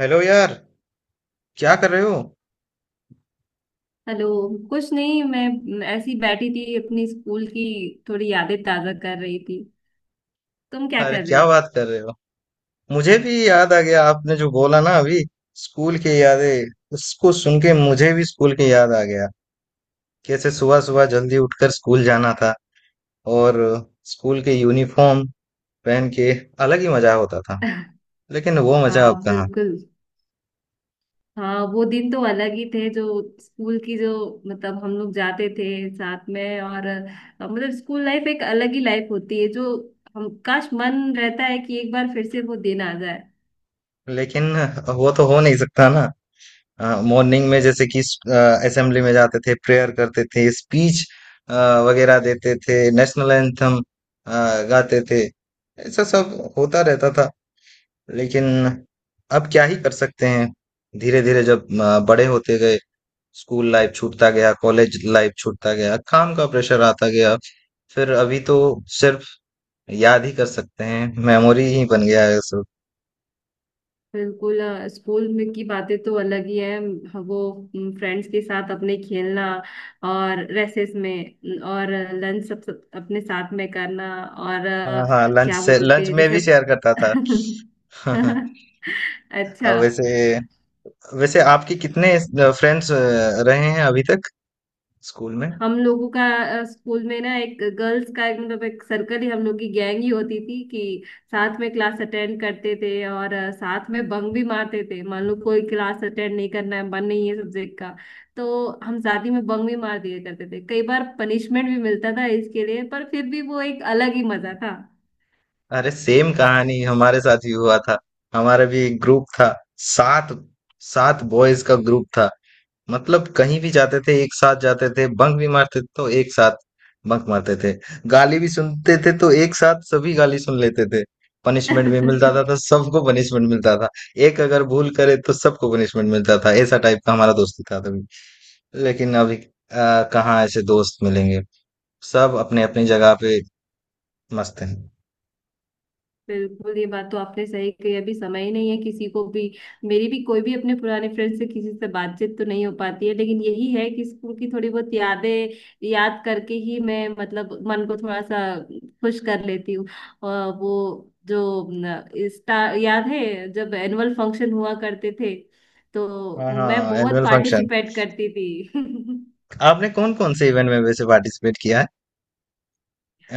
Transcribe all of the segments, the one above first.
Hello यार। क्या कर रहे हो? हेलो। कुछ नहीं, मैं ऐसी बैठी थी अपनी स्कूल की थोड़ी यादें ताजा कर रही थी। तुम क्या अरे कर रहे क्या हो? बात कर रहे हो। मुझे भी याद आ गया, आपने जो बोला ना अभी, स्कूल की यादें। उसको सुन के मुझे भी स्कूल की याद आ गया। कैसे सुबह सुबह जल्दी उठकर स्कूल जाना था, और स्कूल के यूनिफॉर्म पहन के अलग ही मजा होता था। लेकिन वो मजा हाँ अब कहाँ। बिल्कुल। हाँ, वो दिन तो अलग ही थे। जो स्कूल की, जो मतलब हम लोग जाते थे साथ में, और मतलब स्कूल लाइफ एक अलग ही लाइफ होती है। जो हम, काश मन रहता है कि एक बार फिर से वो दिन आ जाए। लेकिन वो तो हो नहीं सकता ना। मॉर्निंग में जैसे कि असेंबली में जाते थे, प्रेयर करते थे, स्पीच वगैरह देते थे, नेशनल एंथम गाते थे, ऐसा सब होता रहता था। लेकिन अब क्या ही कर सकते हैं। धीरे धीरे जब बड़े होते गए, स्कूल लाइफ छूटता गया, कॉलेज लाइफ छूटता गया, काम का प्रेशर आता गया। फिर अभी तो सिर्फ याद ही कर सकते हैं, मेमोरी ही बन गया है सब। बिल्कुल। स्कूल में की बातें तो अलग ही है। वो फ्रेंड्स के साथ अपने खेलना, और रेसेस में और लंच, सब अपने साथ में करना, और हाँ हाँ, लंच क्या से बोलते लंच हैं में जैसे। भी शेयर करता था। अच्छा। अब वैसे, वैसे आपके कितने फ्रेंड्स रहे हैं अभी तक स्कूल में? हम लोगों का स्कूल में ना एक गर्ल्स का एक, मतलब एक सर्कल ही, हम लोग की गैंग ही होती थी कि साथ में क्लास अटेंड करते थे, और साथ में बंक भी मारते थे। मान लो कोई क्लास अटेंड नहीं करना है, मन नहीं है सब्जेक्ट का, तो हम साथ ही में बंक भी मार दिया करते थे। कई बार पनिशमेंट भी मिलता था इसके लिए, पर फिर भी वो एक अलग ही मजा था। अरे सेम कहानी हमारे साथ भी हुआ था। हमारा भी एक ग्रुप था। सात सात बॉयज का ग्रुप था। मतलब कहीं भी जाते थे एक साथ जाते थे, बंक भी मारते थे तो एक साथ बंक मारते थे, गाली भी सुनते थे तो एक साथ सभी गाली सुन लेते थे, पनिशमेंट भी मिलता था तो सबको पनिशमेंट मिलता था। एक अगर भूल करे तो सबको पनिशमेंट मिलता था, ऐसा टाइप का हमारा दोस्ती था तभी। लेकिन अभी कहाँ ऐसे दोस्त मिलेंगे। सब अपने अपनी जगह पे मस्त हैं। बिल्कुल, ये बात तो आपने सही कही। अभी समय ही नहीं है किसी को भी। मेरी भी कोई भी अपने पुराने फ्रेंड से किसी से बातचीत तो नहीं हो पाती है, लेकिन यही है कि स्कूल की थोड़ी बहुत यादें याद करके ही मैं, मतलब मन को थोड़ा सा खुश कर लेती हूँ। और वो, जो न, याद है जब एनुअल फंक्शन हुआ करते थे, हाँ तो मैं हाँ, बहुत एनुअल फंक्शन। पार्टिसिपेट करती थी। आपने कौन कौन से इवेंट में वैसे पार्टिसिपेट किया है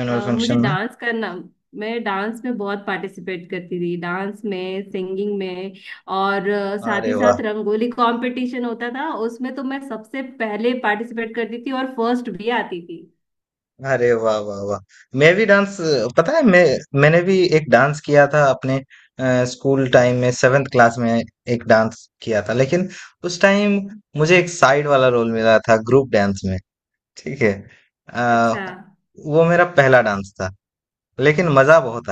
एनुअल मुझे फंक्शन में? डांस करना, मैं डांस में बहुत पार्टिसिपेट करती थी। डांस में, सिंगिंग में, और साथ अरे ही वाह। साथ रंगोली कंपटीशन होता था, उसमें तो मैं सबसे पहले पार्टिसिपेट करती थी और फर्स्ट भी आती थी। अरे वाह वाह वाह। मैं भी डांस, पता है, मैंने भी एक डांस किया था अपने स्कूल टाइम में, सेवेंथ क्लास में। एक डांस किया था, लेकिन उस टाइम मुझे एक साइड वाला रोल मिला था ग्रुप डांस में। ठीक है। अच्छा, अ, वो मेरा पहला डांस था, लेकिन मजा बहुत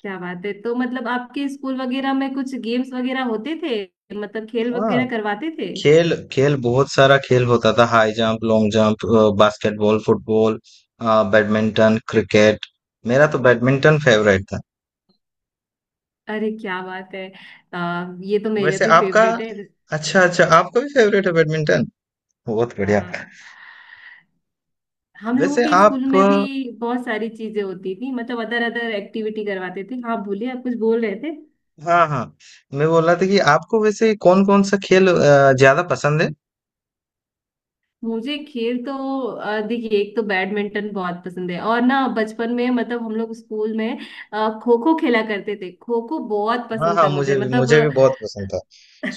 क्या बात है। तो मतलब आपके स्कूल वगैरह में कुछ गेम्स वगैरह होते थे? मतलब खेल आया। वगैरह करवाते थे? खेल, खेल बहुत सारा खेल होता था, high jump, long jump, basketball, football, badminton, cricket. मेरा तो बैडमिंटन फेवरेट था। अरे क्या बात है! ये तो मेरा वैसे भी आपका, फेवरेट है। अच्छा अच्छा, आपका भी फेवरेट है बैडमिंटन। बहुत बढ़िया। हाँ, हम लोगों वैसे के स्कूल आप, में भी बहुत सारी चीजें होती थी। मतलब अदर अदर एक्टिविटी करवाते थे। हाँ बोलिए, आप कुछ बोल रहे थे। हाँ हाँ, मैं बोल रहा था कि आपको वैसे कौन कौन सा खेल ज्यादा पसंद है? मुझे खेल तो देखिए, एक तो बैडमिंटन बहुत पसंद है, और ना बचपन में मतलब हम लोग स्कूल में खो खो खेला करते थे। खो खो बहुत हाँ पसंद हाँ, था मुझे मुझे, भी, मुझे भी मतलब। बहुत पसंद था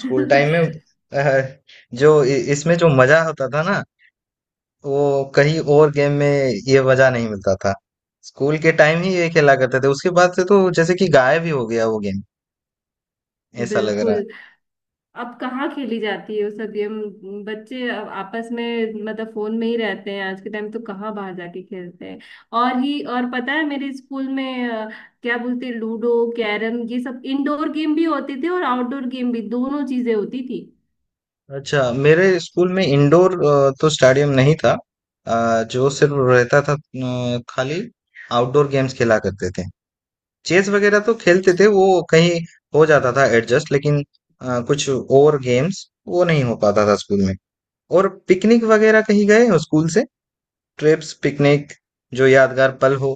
स्कूल टाइम में। अ, जो इसमें जो मजा होता था ना, वो कहीं और गेम में ये मजा नहीं मिलता था। स्कूल के टाइम ही ये खेला करते थे, उसके बाद से तो जैसे कि गायब ही हो गया वो गेम, ऐसा लग रहा है। बिल्कुल। अब कहाँ खेली जाती है वो सब गेम? बच्चे अब आपस में, मतलब फोन में ही रहते हैं आज के टाइम, तो कहाँ बाहर जाके खेलते हैं। और ही और, पता है मेरे स्कूल में क्या बोलते हैं, लूडो, कैरम, ये सब इंडोर गेम भी होते थे, और आउटडोर गेम भी। दोनों चीजें होती थी। अच्छा, मेरे स्कूल में इंडोर तो स्टेडियम नहीं था, जो सिर्फ रहता था खाली आउटडोर गेम्स खेला करते थे। चेस वगैरह तो खेलते थे, वो कहीं हो जाता था एडजस्ट, लेकिन कुछ और गेम्स वो नहीं हो पाता था स्कूल में। और पिकनिक वगैरह कहीं गए हो स्कूल से, ट्रिप्स, पिकनिक, जो यादगार पल हो?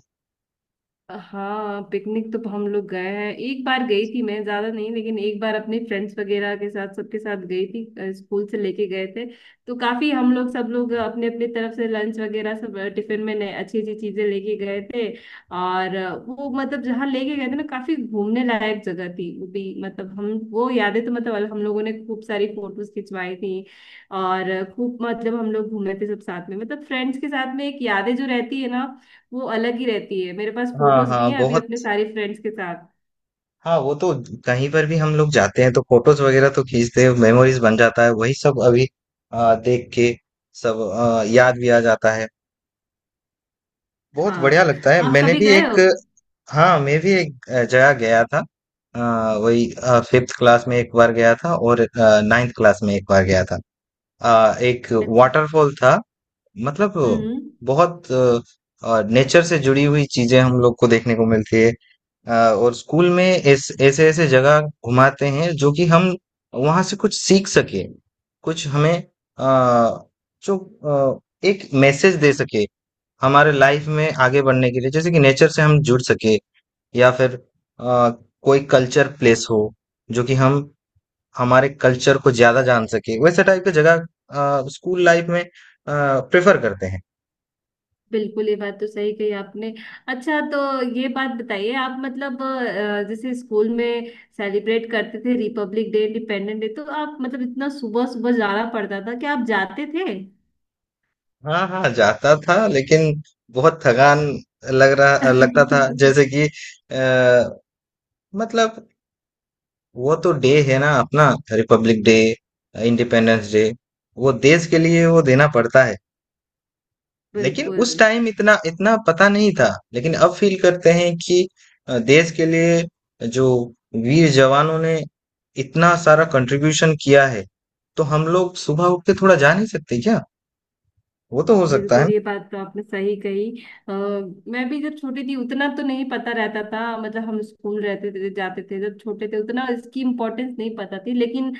हाँ, पिकनिक तो हम लोग गए हैं। एक बार गई थी मैं, ज्यादा नहीं, लेकिन एक बार अपने फ्रेंड्स वगैरह के साथ, सबके साथ गई थी। स्कूल से लेके गए थे। तो काफी हम लोग, सब लोग अपने अपने तरफ से लंच वगैरह सब, टिफिन में नए अच्छी अच्छी चीजें लेके गए थे। और वो मतलब जहाँ लेके गए थे ना, काफी घूमने लायक जगह थी वो भी। मतलब हम वो यादें, तो मतलब हम लोगों ने खूब सारी फोटोज खिंचवाई थी। और खूब मतलब हम लोग घूमे थे सब साथ में, मतलब फ्रेंड्स के साथ में। एक यादें जो रहती है ना, वो अलग ही रहती है। मेरे पास हाँ फोटोज भी हाँ, हैं अभी बहुत। अपने सारे फ्रेंड्स के साथ। हाँ वो तो, कहीं पर भी हम लोग जाते हैं तो फोटोज वगैरह तो खींचते हैं, मेमोरीज बन जाता है वही सब। अभी देख के सब याद भी आ जाता है, बहुत बढ़िया हाँ, लगता है। आप मैंने कभी भी गए एक, हो? हाँ मैं भी एक जगह गया था, वही फिफ्थ क्लास में एक बार गया था, और नाइन्थ क्लास में एक बार गया था। एक अच्छा। वाटरफॉल था, मतलब हम्म। बहुत नेचर से जुड़ी हुई चीजें हम लोग को देखने को मिलती है। और स्कूल में ऐस ऐसे ऐसे जगह घुमाते हैं जो कि हम वहां से कुछ सीख सके, कुछ हमें अ, जो अ, एक मैसेज दे सके हमारे लाइफ में आगे बढ़ने के लिए, जैसे कि नेचर से हम जुड़ सके, या फिर अ, कोई कल्चर प्लेस हो, जो कि हम हमारे कल्चर को ज्यादा जान सके, वैसे टाइप की जगह स्कूल लाइफ में प्रेफर करते हैं। बिल्कुल, ये बात तो सही कही आपने। अच्छा तो ये बात बताइए, आप मतलब जैसे स्कूल में सेलिब्रेट करते थे रिपब्लिक डे, इंडिपेंडेंस डे, तो आप मतलब इतना सुबह सुबह जाना पड़ता था कि आप जाते थे? हाँ हाँ, जाता था, लेकिन बहुत थकान लग रहा लगता था। जैसे कि अ, मतलब वो तो डे है ना अपना, रिपब्लिक डे, इंडिपेंडेंस डे, वो देश के लिए वो देना पड़ता है। लेकिन बिल्कुल। उस टाइम इतना इतना पता नहीं था। लेकिन अब फील करते हैं कि देश के लिए जो वीर जवानों ने इतना सारा कंट्रीब्यूशन किया है, तो हम लोग सुबह उठ के थोड़ा जा नहीं सकते क्या? वो तो हो सकता बिल्कुल, ये बात तो आपने सही कही। आ, मैं भी जब छोटी थी, उतना तो नहीं पता रहता था। मतलब हम स्कूल रहते थे, जाते थे, जब छोटे थे उतना इसकी इम्पोर्टेंस नहीं पता थी, लेकिन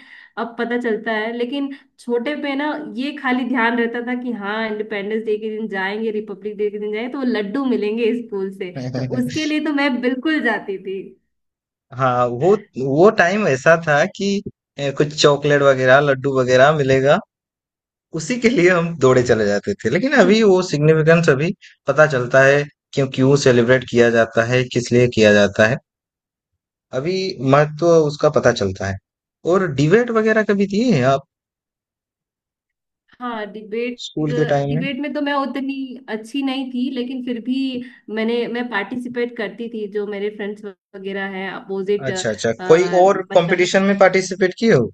अब पता चलता है। लेकिन छोटे पे ना ये खाली ध्यान रहता था कि हाँ, इंडिपेंडेंस डे के दिन जाएंगे, रिपब्लिक डे के दिन जाएंगे, तो वो लड्डू मिलेंगे स्कूल से, तो है। उसके लिए तो मैं बिल्कुल जाती थी। हाँ वो टाइम ऐसा था कि कुछ चॉकलेट वगैरह, लड्डू वगैरह मिलेगा, उसी के लिए हम दौड़े चले जाते थे। लेकिन अभी वो सिग्निफिकेंस अभी पता चलता है, क्यों क्यों सेलिब्रेट किया जाता है, किस लिए किया जाता है। अभी महत्व उसका पता चलता है। और डिबेट वगैरह कभी दिए हैं आप हाँ, डिबेट। स्कूल के टाइम में? डिबेट में तो मैं उतनी अच्छी नहीं थी, लेकिन फिर भी मैं पार्टिसिपेट करती थी। जो मेरे फ्रेंड्स वगैरह हैं अपोजिट। अच्छा अच्छा, कोई और मतलब कंपटीशन में पार्टिसिपेट किए हो,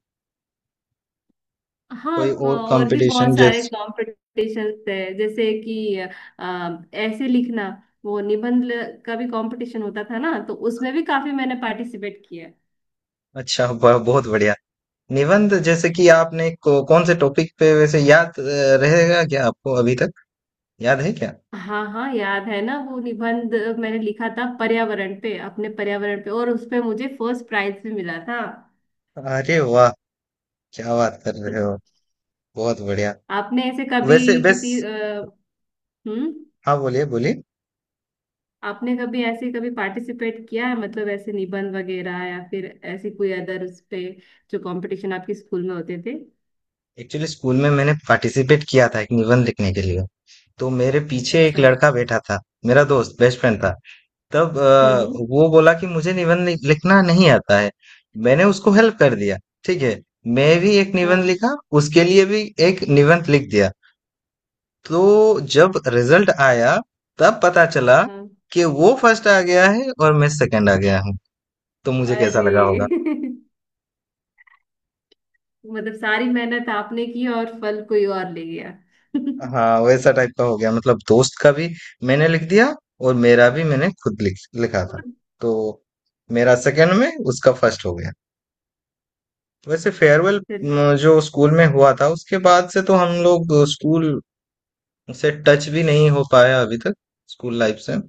हाँ, कोई और और भी बहुत कंपटीशन सारे जैसे? कॉम्पिटिशन्स थे। जैसे कि ऐसे लिखना, वो निबंध का भी कंपटीशन होता था ना, तो उसमें भी काफी मैंने पार्टिसिपेट किया। अच्छा वाह, बहुत बढ़िया। निबंध जैसे कि आपने कौन से टॉपिक पे वैसे याद रहेगा क्या आपको अभी तक, याद है क्या? हाँ हाँ, याद है ना। वो निबंध मैंने लिखा था पर्यावरण पे, अपने पर्यावरण पे, और उसपे मुझे फर्स्ट प्राइज भी मिला था। अरे वाह, क्या बात कर रहे हो। बहुत बढ़िया। आपने ऐसे कभी वैसे बस, किसी हम्म। हाँ बोलिए बोलिए। आपने कभी ऐसे कभी पार्टिसिपेट किया है, मतलब ऐसे निबंध वगैरह, या फिर ऐसी कोई अदर उस पे जो कंपटीशन आपके स्कूल में होते थे? एक्चुअली स्कूल में मैंने पार्टिसिपेट किया था एक निबंध लिखने के लिए, तो मेरे पीछे एक अच्छा। लड़का बैठा था, मेरा दोस्त बेस्ट फ्रेंड था तब। हम्म। वो बोला कि मुझे निबंध लिखना नहीं आता है, मैंने उसको हेल्प कर दिया। ठीक है। मैं भी एक निबंध हाँ लिखा, उसके लिए भी एक निबंध लिख दिया। तो जब रिजल्ट आया, तब पता चला हाँ। कि वो फर्स्ट आ गया है और मैं सेकंड आ गया हूँ। तो मुझे कैसा अरे लगा होगा। मतलब सारी मेहनत आपने की और फल कोई और ले गया। हाँ वैसा टाइप का हो गया, मतलब दोस्त का भी मैंने लिख दिया, और मेरा भी मैंने खुद लिखा था। तो मेरा सेकंड में, उसका फर्स्ट हो गया। वैसे फेयरवेल चलिए। जो स्कूल में हुआ था, उसके बाद से तो हम लोग स्कूल से टच भी नहीं हो पाया अभी तक, स्कूल लाइफ से।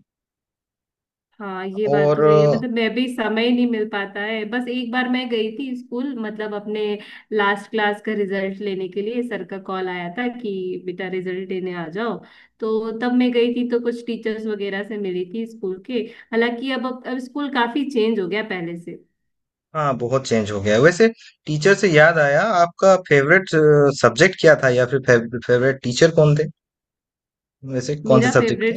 हाँ, ये बात तो और सही है। मतलब मैं भी, समय नहीं मिल पाता है। बस एक बार मैं गई थी स्कूल, मतलब अपने लास्ट क्लास का रिजल्ट लेने के लिए। सर का कॉल आया था कि बेटा, रिजल्ट देने आ जाओ। तो तब मैं गई थी, तो कुछ टीचर्स वगैरह से मिली थी स्कूल के। हालांकि अब स्कूल काफी चेंज हो गया पहले से। हाँ, बहुत चेंज हो गया है वैसे। टीचर से याद आया, आपका फेवरेट सब्जेक्ट क्या था, या फिर फेवरेट टीचर कौन थे, वैसे कौन से मेरा सब्जेक्ट के? फेवरेट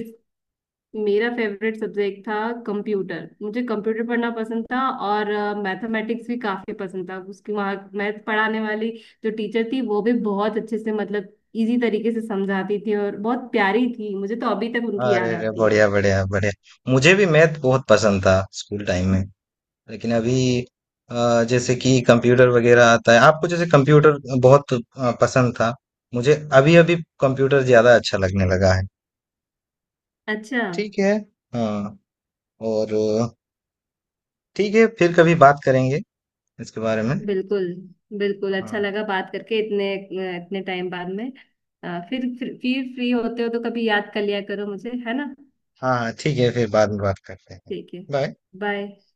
मेरा फेवरेट सब्जेक्ट था कंप्यूटर। मुझे कंप्यूटर पढ़ना पसंद था। और मैथमेटिक्स भी काफी पसंद था। उसकी वहाँ मैथ पढ़ाने वाली जो टीचर थी, वो भी बहुत अच्छे से, मतलब इजी तरीके से समझाती थी और बहुत प्यारी थी। मुझे तो अभी तक उनकी अरे याद अरे, आती है। बढ़िया बढ़िया बढ़िया, मुझे भी मैथ बहुत पसंद था स्कूल टाइम में। लेकिन अभी जैसे कि कंप्यूटर वगैरह आता है आपको, जैसे कंप्यूटर बहुत पसंद था मुझे, अभी अभी कंप्यूटर ज्यादा अच्छा लगने लगा है। अच्छा। ठीक है। हाँ। और ठीक है, फिर कभी बात करेंगे इसके बारे में। बिल्कुल। बिल्कुल अच्छा हाँ। लगा बात करके, इतने इतने टाइम बाद में। फिर फ्री होते हो तो कभी याद कर लिया करो मुझे, है ना? हाँ, हाँ, ठीक है, फिर बाद में बात करते हैं। ठीक है, बाय। बाय।